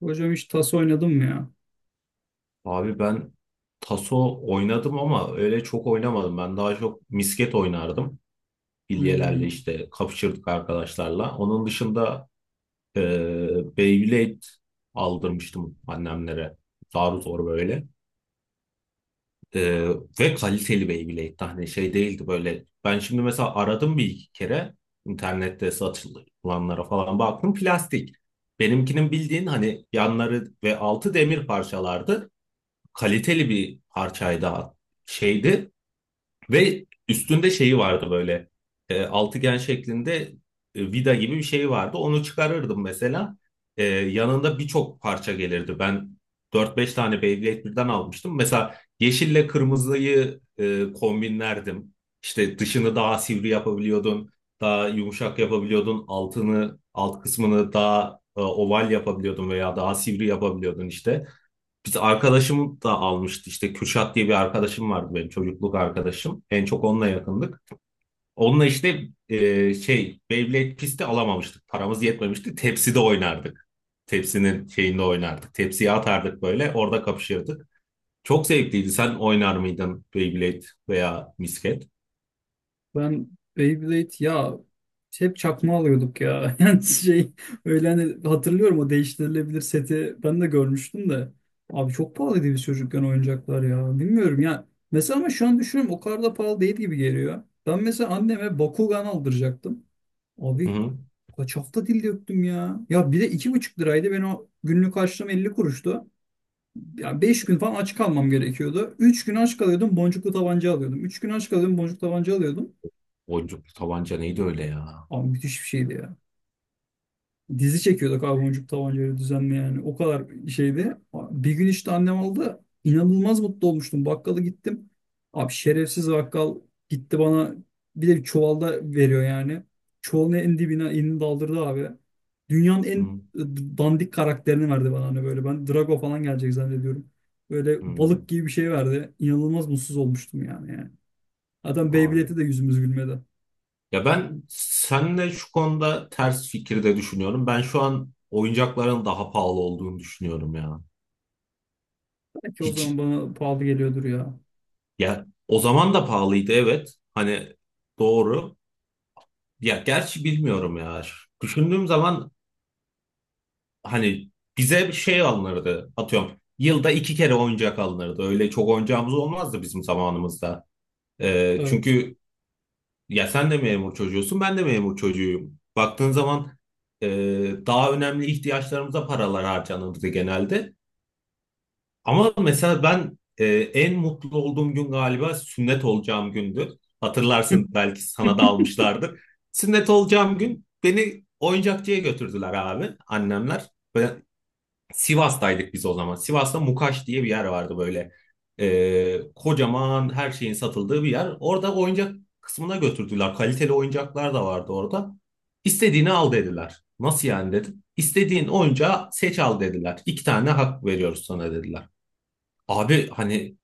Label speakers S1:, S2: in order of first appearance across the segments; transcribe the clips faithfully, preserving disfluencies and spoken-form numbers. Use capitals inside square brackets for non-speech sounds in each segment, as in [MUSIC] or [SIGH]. S1: Hocam hiç tas oynadım mı ya?
S2: Abi ben taso oynadım ama öyle çok oynamadım. Ben daha çok misket oynardım. Bilyelerle
S1: Hmm.
S2: işte kapışırdık arkadaşlarla. Onun dışında e, Beyblade aldırmıştım annemlere. Zar zor böyle. E, ve kaliteli Beyblade. Hani şey değildi böyle. Ben şimdi mesela aradım bir iki kere, internette satılanlara falan baktım. Plastik. Benimkinin bildiğin hani yanları ve altı demir parçalardı, kaliteli bir parçaydı, şeydi ve üstünde şeyi vardı böyle, e, altıgen şeklinde e, vida gibi bir şey vardı. Onu çıkarırdım mesela. E, yanında birçok parça gelirdi. Ben dört beş tane Beyblade birden almıştım. Mesela yeşille kırmızıyı e, kombinlerdim. İşte dışını daha sivri yapabiliyordun, daha yumuşak yapabiliyordun, altını, alt kısmını daha e, oval yapabiliyordun veya daha sivri yapabiliyordun işte. Biz arkadaşım da almıştı, işte Kürşat diye bir arkadaşım vardı benim, çocukluk arkadaşım. En çok onunla yakındık. Onunla işte e, şey, Beyblade pisti alamamıştık. Paramız yetmemişti. Tepside oynardık. Tepsinin şeyinde oynardık. Tepsiye atardık, böyle orada kapışırdık. Çok zevkliydi. Sen oynar mıydın Beyblade veya misket?
S1: Ben Beyblade ya, hep çakma alıyorduk ya. [LAUGHS] Yani şey, öyle hani hatırlıyorum o değiştirilebilir seti ben de görmüştüm de. Abi çok pahalıydı biz çocukken oyuncaklar ya. Bilmiyorum ya. Mesela ama şu an düşünüyorum o kadar da pahalı değil gibi geliyor. Ben mesela anneme Bakugan aldıracaktım.
S2: Hı
S1: Abi
S2: hı.
S1: kaç hafta dil döktüm ya. Ya bir de iki buçuk liraydı. Ben o günlük harçlığım elli kuruştu. Ya beş gün falan aç kalmam gerekiyordu. Üç gün aç kalıyordum, boncuklu tabanca alıyordum. Üç gün aç kalıyordum, boncuklu tabanca alıyordum.
S2: Boncuklu tabanca neydi öyle ya?
S1: Abi müthiş bir şeydi ya. Dizi çekiyorduk abi boncuk tabancayla düzenli yani. O kadar şeydi. Bir gün işte annem aldı. İnanılmaz mutlu olmuştum. Bakkala gittim. Abi şerefsiz bakkal gitti bana, bir de bir çuvalda veriyor yani. Çuvalın en dibine elini daldırdı abi. Dünyanın
S2: Hı
S1: en dandik karakterini verdi bana hani böyle. Ben Drago falan gelecek zannediyorum. Böyle
S2: hı.
S1: balık gibi bir şey verdi. İnanılmaz mutsuz olmuştum yani. yani. Adam
S2: Abi,
S1: Beyblade'e de yüzümüz gülmedi.
S2: ya ben seninle şu konuda ters fikirde düşünüyorum. Ben şu an oyuncakların daha pahalı olduğunu düşünüyorum ya.
S1: Belki o zaman
S2: Hiç,
S1: bana pahalı geliyordur ya.
S2: ya o zaman da pahalıydı, evet. Hani doğru. Ya gerçi bilmiyorum ya. Düşündüğüm zaman hani bize bir şey alınırdı. Atıyorum, yılda iki kere oyuncak alınırdı. Öyle çok oyuncağımız olmazdı bizim zamanımızda. Ee,
S1: Evet.
S2: çünkü Ya sen de memur çocuğusun, ben de memur çocuğuyum. Baktığın zaman e, daha önemli ihtiyaçlarımıza paralar harcanırdı genelde. Ama mesela ben e, en mutlu olduğum gün galiba sünnet olacağım gündü.
S1: [LAUGHS]
S2: Hatırlarsın, belki sana da almışlardır. Sünnet olacağım gün beni oyuncakçıya götürdüler abi, annemler. Ben Sivas'taydık biz o zaman. Sivas'ta Mukaş diye bir yer vardı böyle. Ee, kocaman her şeyin satıldığı bir yer. Orada oyuncak kısmına götürdüler. Kaliteli oyuncaklar da vardı orada. İstediğini al dediler. Nasıl yani dedim. İstediğin oyuncağı seç al dediler. İki tane hak veriyoruz sana dediler. Abi hani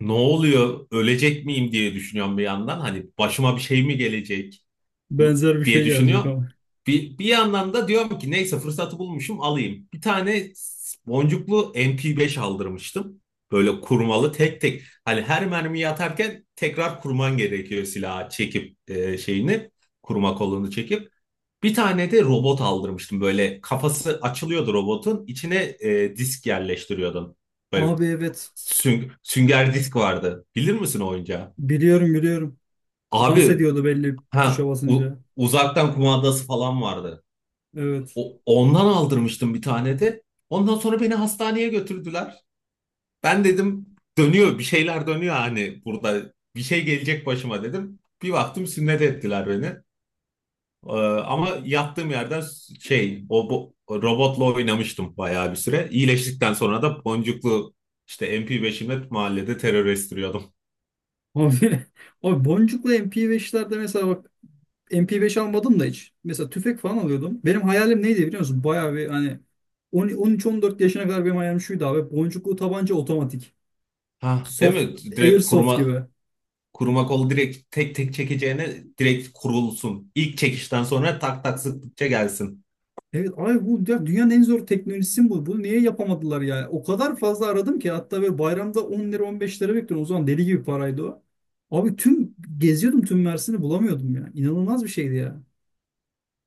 S2: ne oluyor? Ölecek miyim diye düşünüyorum bir yandan. Hani başıma bir şey mi gelecek
S1: Benzer bir şey
S2: diye düşünüyor.
S1: gelecek ama.
S2: Bir, bir yandan da diyorum ki neyse, fırsatı bulmuşum alayım. Bir tane boncuklu M P beş aldırmıştım. Böyle kurmalı, tek tek. Hani her mermiyi atarken tekrar kurman gerekiyor silahı çekip e, şeyini. Kurma kolunu çekip. Bir tane de robot aldırmıştım. Böyle kafası açılıyordu robotun. İçine e, disk yerleştiriyordun. Böyle
S1: Abi evet.
S2: süng- sünger disk vardı. Bilir misin o oyuncağı?
S1: Biliyorum, biliyorum. Dans
S2: Abi
S1: ediyordu belli tuşa
S2: ha, u-
S1: basınca.
S2: uzaktan kumandası falan vardı.
S1: Evet.
S2: O- ondan aldırmıştım bir tane de. Ondan sonra beni hastaneye götürdüler. Ben dedim dönüyor, bir şeyler dönüyor, hani burada bir şey gelecek başıma dedim. Bir baktım sünnet ettiler beni. Ee, ama yattığım yerden s- şey o bu, robotla oynamıştım bayağı bir süre. İyileştikten sonra da boncuklu işte M P beş'imle mahallede terör estiriyordum.
S1: Abi, [LAUGHS] abi boncuklu M P beş'lerde mesela bak, M P beş almadım da hiç. Mesela tüfek falan alıyordum. Benim hayalim neydi biliyor musun? Bayağı bir hani on on üç on dört yaşına kadar benim hayalim şuydu abi. Boncuklu tabanca otomatik.
S2: Ha, değil
S1: Soft,
S2: mi? Direkt
S1: airsoft
S2: kurma
S1: gibi.
S2: Kuruma kol direkt, tek tek çekeceğine direkt kurulsun. İlk çekişten sonra tak tak sıktıkça gelsin.
S1: Evet, ay bu ya, dünyanın en zor teknolojisi bu. Bunu niye yapamadılar yani? O kadar fazla aradım ki, hatta böyle bayramda on lira, on beş lira bekliyorum. O zaman deli gibi paraydı o. Abi tüm geziyordum, tüm Mersin'i bulamıyordum ya. İnanılmaz bir şeydi ya.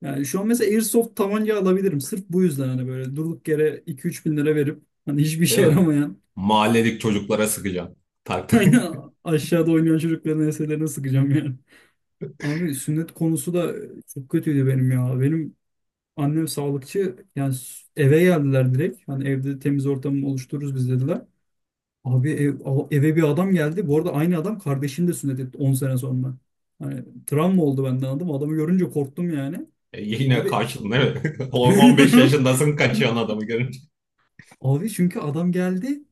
S1: Yani şu an mesela Airsoft tabanca alabilirim. Sırf bu yüzden hani böyle durduk yere iki üç bin lira verip hani hiçbir işe
S2: Değil mi?
S1: yaramayan,
S2: Mahalledeki çocuklara sıkacağım. Tak tak. [LAUGHS]
S1: [LAUGHS] aşağıda oynayan çocukların enselerine sıkacağım yani. Abi sünnet konusu da çok kötüydü benim ya. Benim annem sağlıkçı yani, s- eve geldiler direkt. Hani evde temiz ortamı oluştururuz biz dediler. Abi ev- a- eve bir adam geldi. Bu arada aynı adam kardeşini de sünnet etti on sene sonra. Hani travma oldu benden adam. Adamı görünce korktum yani.
S2: E, Yine
S1: Abi.
S2: kaçtın değil mi? [LAUGHS] On- 15
S1: [LAUGHS]
S2: yaşındasın kaçıyorsun adamı görünce.
S1: Abi çünkü adam geldi,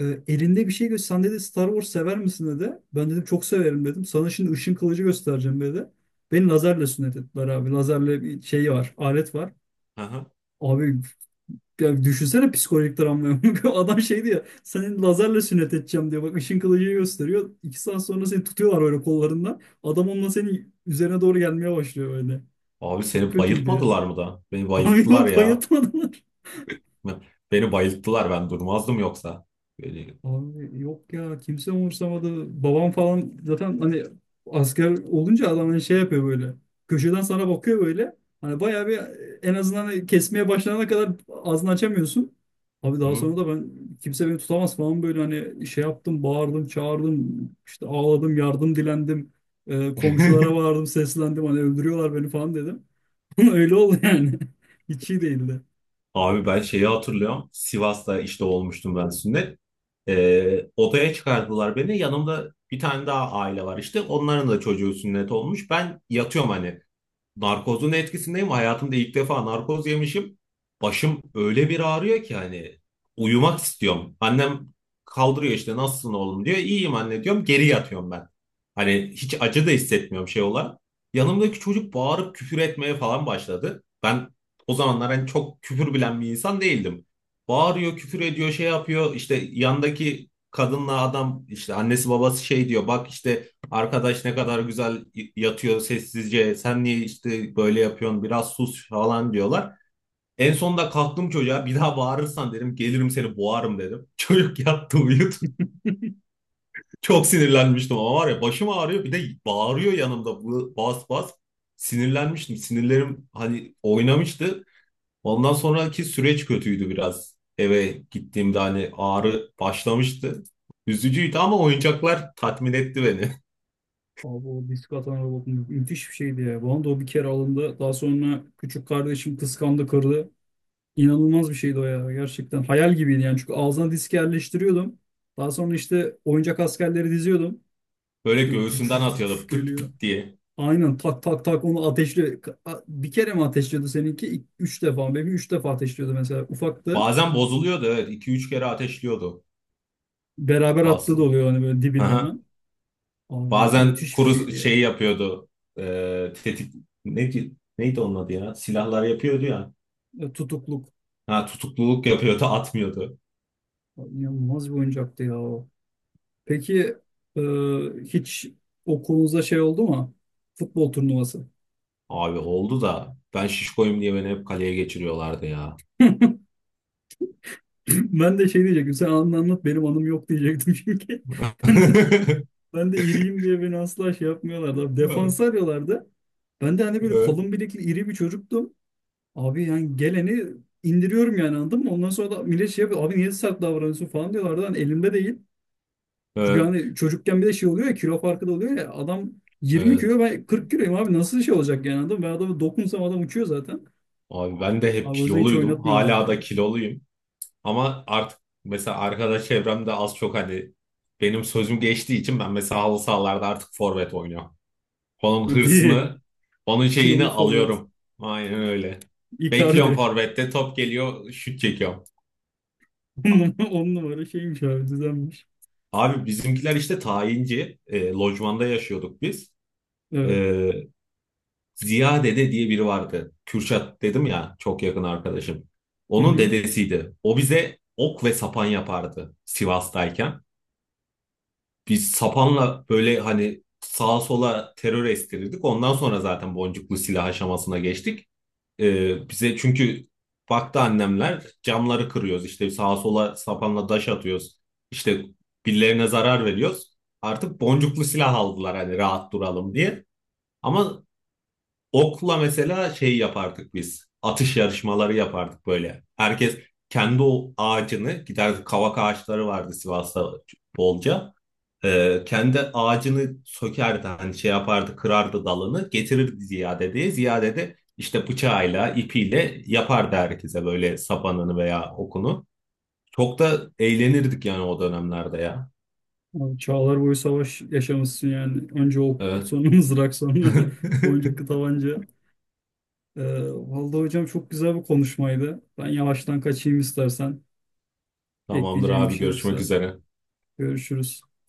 S1: e, elinde bir şey göster. Sen dedi, Star Wars sever misin dedi. Ben dedim çok severim dedim. Sana şimdi ışın kılıcı göstereceğim dedi. Beni lazerle sünnet ettiler abi. Lazerle bir şey var. Alet var.
S2: Aha.
S1: Abi, ya düşünsene psikolojik travmayı. [LAUGHS] Adam şeydi ya, seni lazerle sünnet edeceğim diyor. Bak, ışın kılıcı gösteriyor. İki saat sonra seni tutuyorlar böyle kollarından. Adam onunla senin üzerine doğru gelmeye başlıyor böyle.
S2: Abi
S1: Çok
S2: seni
S1: kötüydü ya.
S2: bayıltmadılar mı da? Beni
S1: [LAUGHS] Abi
S2: bayılttılar
S1: yok,
S2: ya.
S1: bayatmadılar.
S2: Beni bayılttılar, ben durmazdım yoksa. Böyle-
S1: Abi yok ya, kimse umursamadı. Babam falan zaten hani asker olunca adam hani şey yapıyor böyle. Köşeden sana bakıyor böyle. Hani bayağı bir, en azından hani kesmeye başlanana kadar ağzını açamıyorsun. Abi daha
S2: Hı.
S1: sonra da ben kimse beni tutamaz falan böyle hani şey yaptım, bağırdım, çağırdım, işte ağladım, yardım dilendim. Ee, komşulara
S2: [LAUGHS]
S1: bağırdım, seslendim, hani öldürüyorlar beni falan dedim. [LAUGHS] Öyle oldu yani. [LAUGHS] Hiç iyi değildi.
S2: Abi ben şeyi hatırlıyorum. Sivas'ta işte olmuştum ben sünnet. Ee, odaya çıkardılar beni. Yanımda bir tane daha aile var işte. Onların da çocuğu sünnet olmuş. Ben yatıyorum hani, narkozun etkisindeyim. Hayatımda ilk defa narkoz yemişim. Başım öyle bir ağrıyor ki hani uyumak istiyorum. Annem kaldırıyor işte, nasılsın oğlum diyor. İyiyim anne diyorum. Geri yatıyorum ben. Hani hiç acı da hissetmiyorum şey olarak. Yanımdaki çocuk bağırıp küfür etmeye falan başladı. Ben o zamanlar hani çok küfür bilen bir insan değildim. Bağırıyor, küfür ediyor, şey yapıyor. İşte yandaki kadınla adam, işte annesi babası şey diyor. Bak işte, arkadaş ne kadar güzel yatıyor sessizce. Sen niye işte böyle yapıyorsun? Biraz sus falan diyorlar. En sonunda kalktım, çocuğa bir daha bağırırsan dedim, gelirim seni boğarım dedim. [LAUGHS] Çocuk yattı, uyudu. [LAUGHS] Çok sinirlenmiştim ama, var ya, başım ağrıyor, bir de bağırıyor yanımda bu- bas bas. Sinirlenmiştim. Sinirlerim hani oynamıştı. Ondan sonraki süreç kötüydü biraz. Eve gittiğimde hani ağrı başlamıştı. Üzücüydü ama oyuncaklar tatmin etti beni.
S1: Abi o disk atan robot mü- müthiş bir şeydi ya. Bana da o bir kere alındı. Daha sonra küçük kardeşim kıskandı, kırdı. İnanılmaz bir şeydi o ya. Gerçekten hayal gibiydi yani. Çünkü ağzına disk yerleştiriyordum. Daha sonra işte oyuncak askerleri diziyordum.
S2: [LAUGHS] Böyle
S1: İşte tüf
S2: göğsünden
S1: tüf tüf tüf
S2: atıyordu pıt
S1: geliyor.
S2: pıt diye.
S1: Aynen tak tak tak onu ateşli. Bir kere mi ateşliyordu seninki? İ- Üç defa. Benim üç defa ateşliyordu mesela. Ufaktı.
S2: Bazen bozuluyordu, evet. iki üç kere ateşliyordu
S1: Beraber attığı da
S2: Boston.
S1: oluyor hani böyle dibine
S2: Aha.
S1: hemen. Abi
S2: Bazen
S1: müthiş bir
S2: kuru
S1: şeydi ya.
S2: şey yapıyordu. Ee, tetik neydi, neydi onun adı ya? Silahlar yapıyordu ya.
S1: Ya, tutukluk.
S2: Ha, tutukluluk yapıyordu, atmıyordu.
S1: Ya İnanılmaz bir oyuncaktı ya o. Peki, e, hiç okulunuzda şey oldu mu? Futbol turnuvası. [CLEARS THROAT]
S2: Abi oldu da ben şişkoyum diye beni hep kaleye geçiriyorlardı ya.
S1: [LAUGHS] Ben de şey diyecektim. Sen anını anlat, benim anım yok diyecektim çünkü. [LAUGHS] Ben de,
S2: [LAUGHS]
S1: ben de iriyim diye beni asla şey yapmıyorlardı. Abi, defans arıyorlardı. Ben de hani böyle
S2: Evet,
S1: kalın bilekli iri bir çocuktum. Abi yani geleni indiriyorum yani, anladın mı? Ondan sonra da millet şey yapıyor. Abi niye sert davranıyorsun falan diyorlardı. Hani elimde değil. Çünkü
S2: evet,
S1: hani çocukken bir de şey oluyor ya, kilo farkı da oluyor ya. Adam yirmi
S2: evet.
S1: kilo, ben kırk kiloyum abi, nasıl şey olacak yani, anladın mı? Ben adamı dokunsam adam uçuyor zaten.
S2: Abi ben de hep
S1: Abi o yüzden hiç
S2: kiloluydum. Hala da
S1: oynatmıyorlardı
S2: kiloluyum. Ama artık mesela arkadaş çevremde az çok hani benim sözüm geçtiği için ben mesela halı sahalarda artık forvet oynuyorum. Onun
S1: ya. Değil.
S2: hırsını, onun şeyini
S1: Kilolu forvet.
S2: alıyorum. Aynen öyle. Bekliyorum
S1: Icardi.
S2: forvette, top geliyor, şut çekiyorum.
S1: [LAUGHS] On
S2: A-
S1: numara, on numara şeymiş abi, düzenmiş.
S2: Abi bizimkiler işte tayinci. E, lojmanda yaşıyorduk biz. E,
S1: Evet.
S2: Ziya dede diye biri vardı. Kürşat dedim ya, çok yakın arkadaşım.
S1: Hı
S2: Onun
S1: hı.
S2: dedesiydi. O bize ok ve sapan yapardı Sivas'tayken. Biz sapanla böyle hani sağa sola terör estirirdik. Ondan sonra zaten boncuklu silah aşamasına geçtik. Ee, bize çünkü baktı annemler, camları kırıyoruz. İşte sağa sola sapanla daş atıyoruz. İşte birilerine zarar veriyoruz. Artık boncuklu silah aldılar hani rahat duralım diye. Ama okla mesela şey yapardık biz. Atış yarışmaları yapardık böyle. Herkes kendi o ağacını giderdi. Kavak ağaçları vardı Sivas'ta bolca. Ee, kendi ağacını sökerdi, hani şey yapardı, kırardı dalını getirirdi Ziyade'ye. Ziyade de işte bıçağıyla ipiyle yapardı herkese böyle sapanını veya okunu. Çok da eğlenirdik yani o dönemlerde ya.
S1: Abi çağlar boyu savaş yaşamışsın yani. Önce ok,
S2: Evet.
S1: sonra [LAUGHS] mızrak, sonra [LAUGHS]
S2: [LAUGHS]
S1: boncuklu tabanca. Ee, vallahi hocam çok güzel bir konuşmaydı. Ben yavaştan kaçayım istersen.
S2: Tamamdır
S1: Ekleyeceğim bir
S2: abi,
S1: şey
S2: görüşmek
S1: yoksa.
S2: üzere.
S1: Görüşürüz.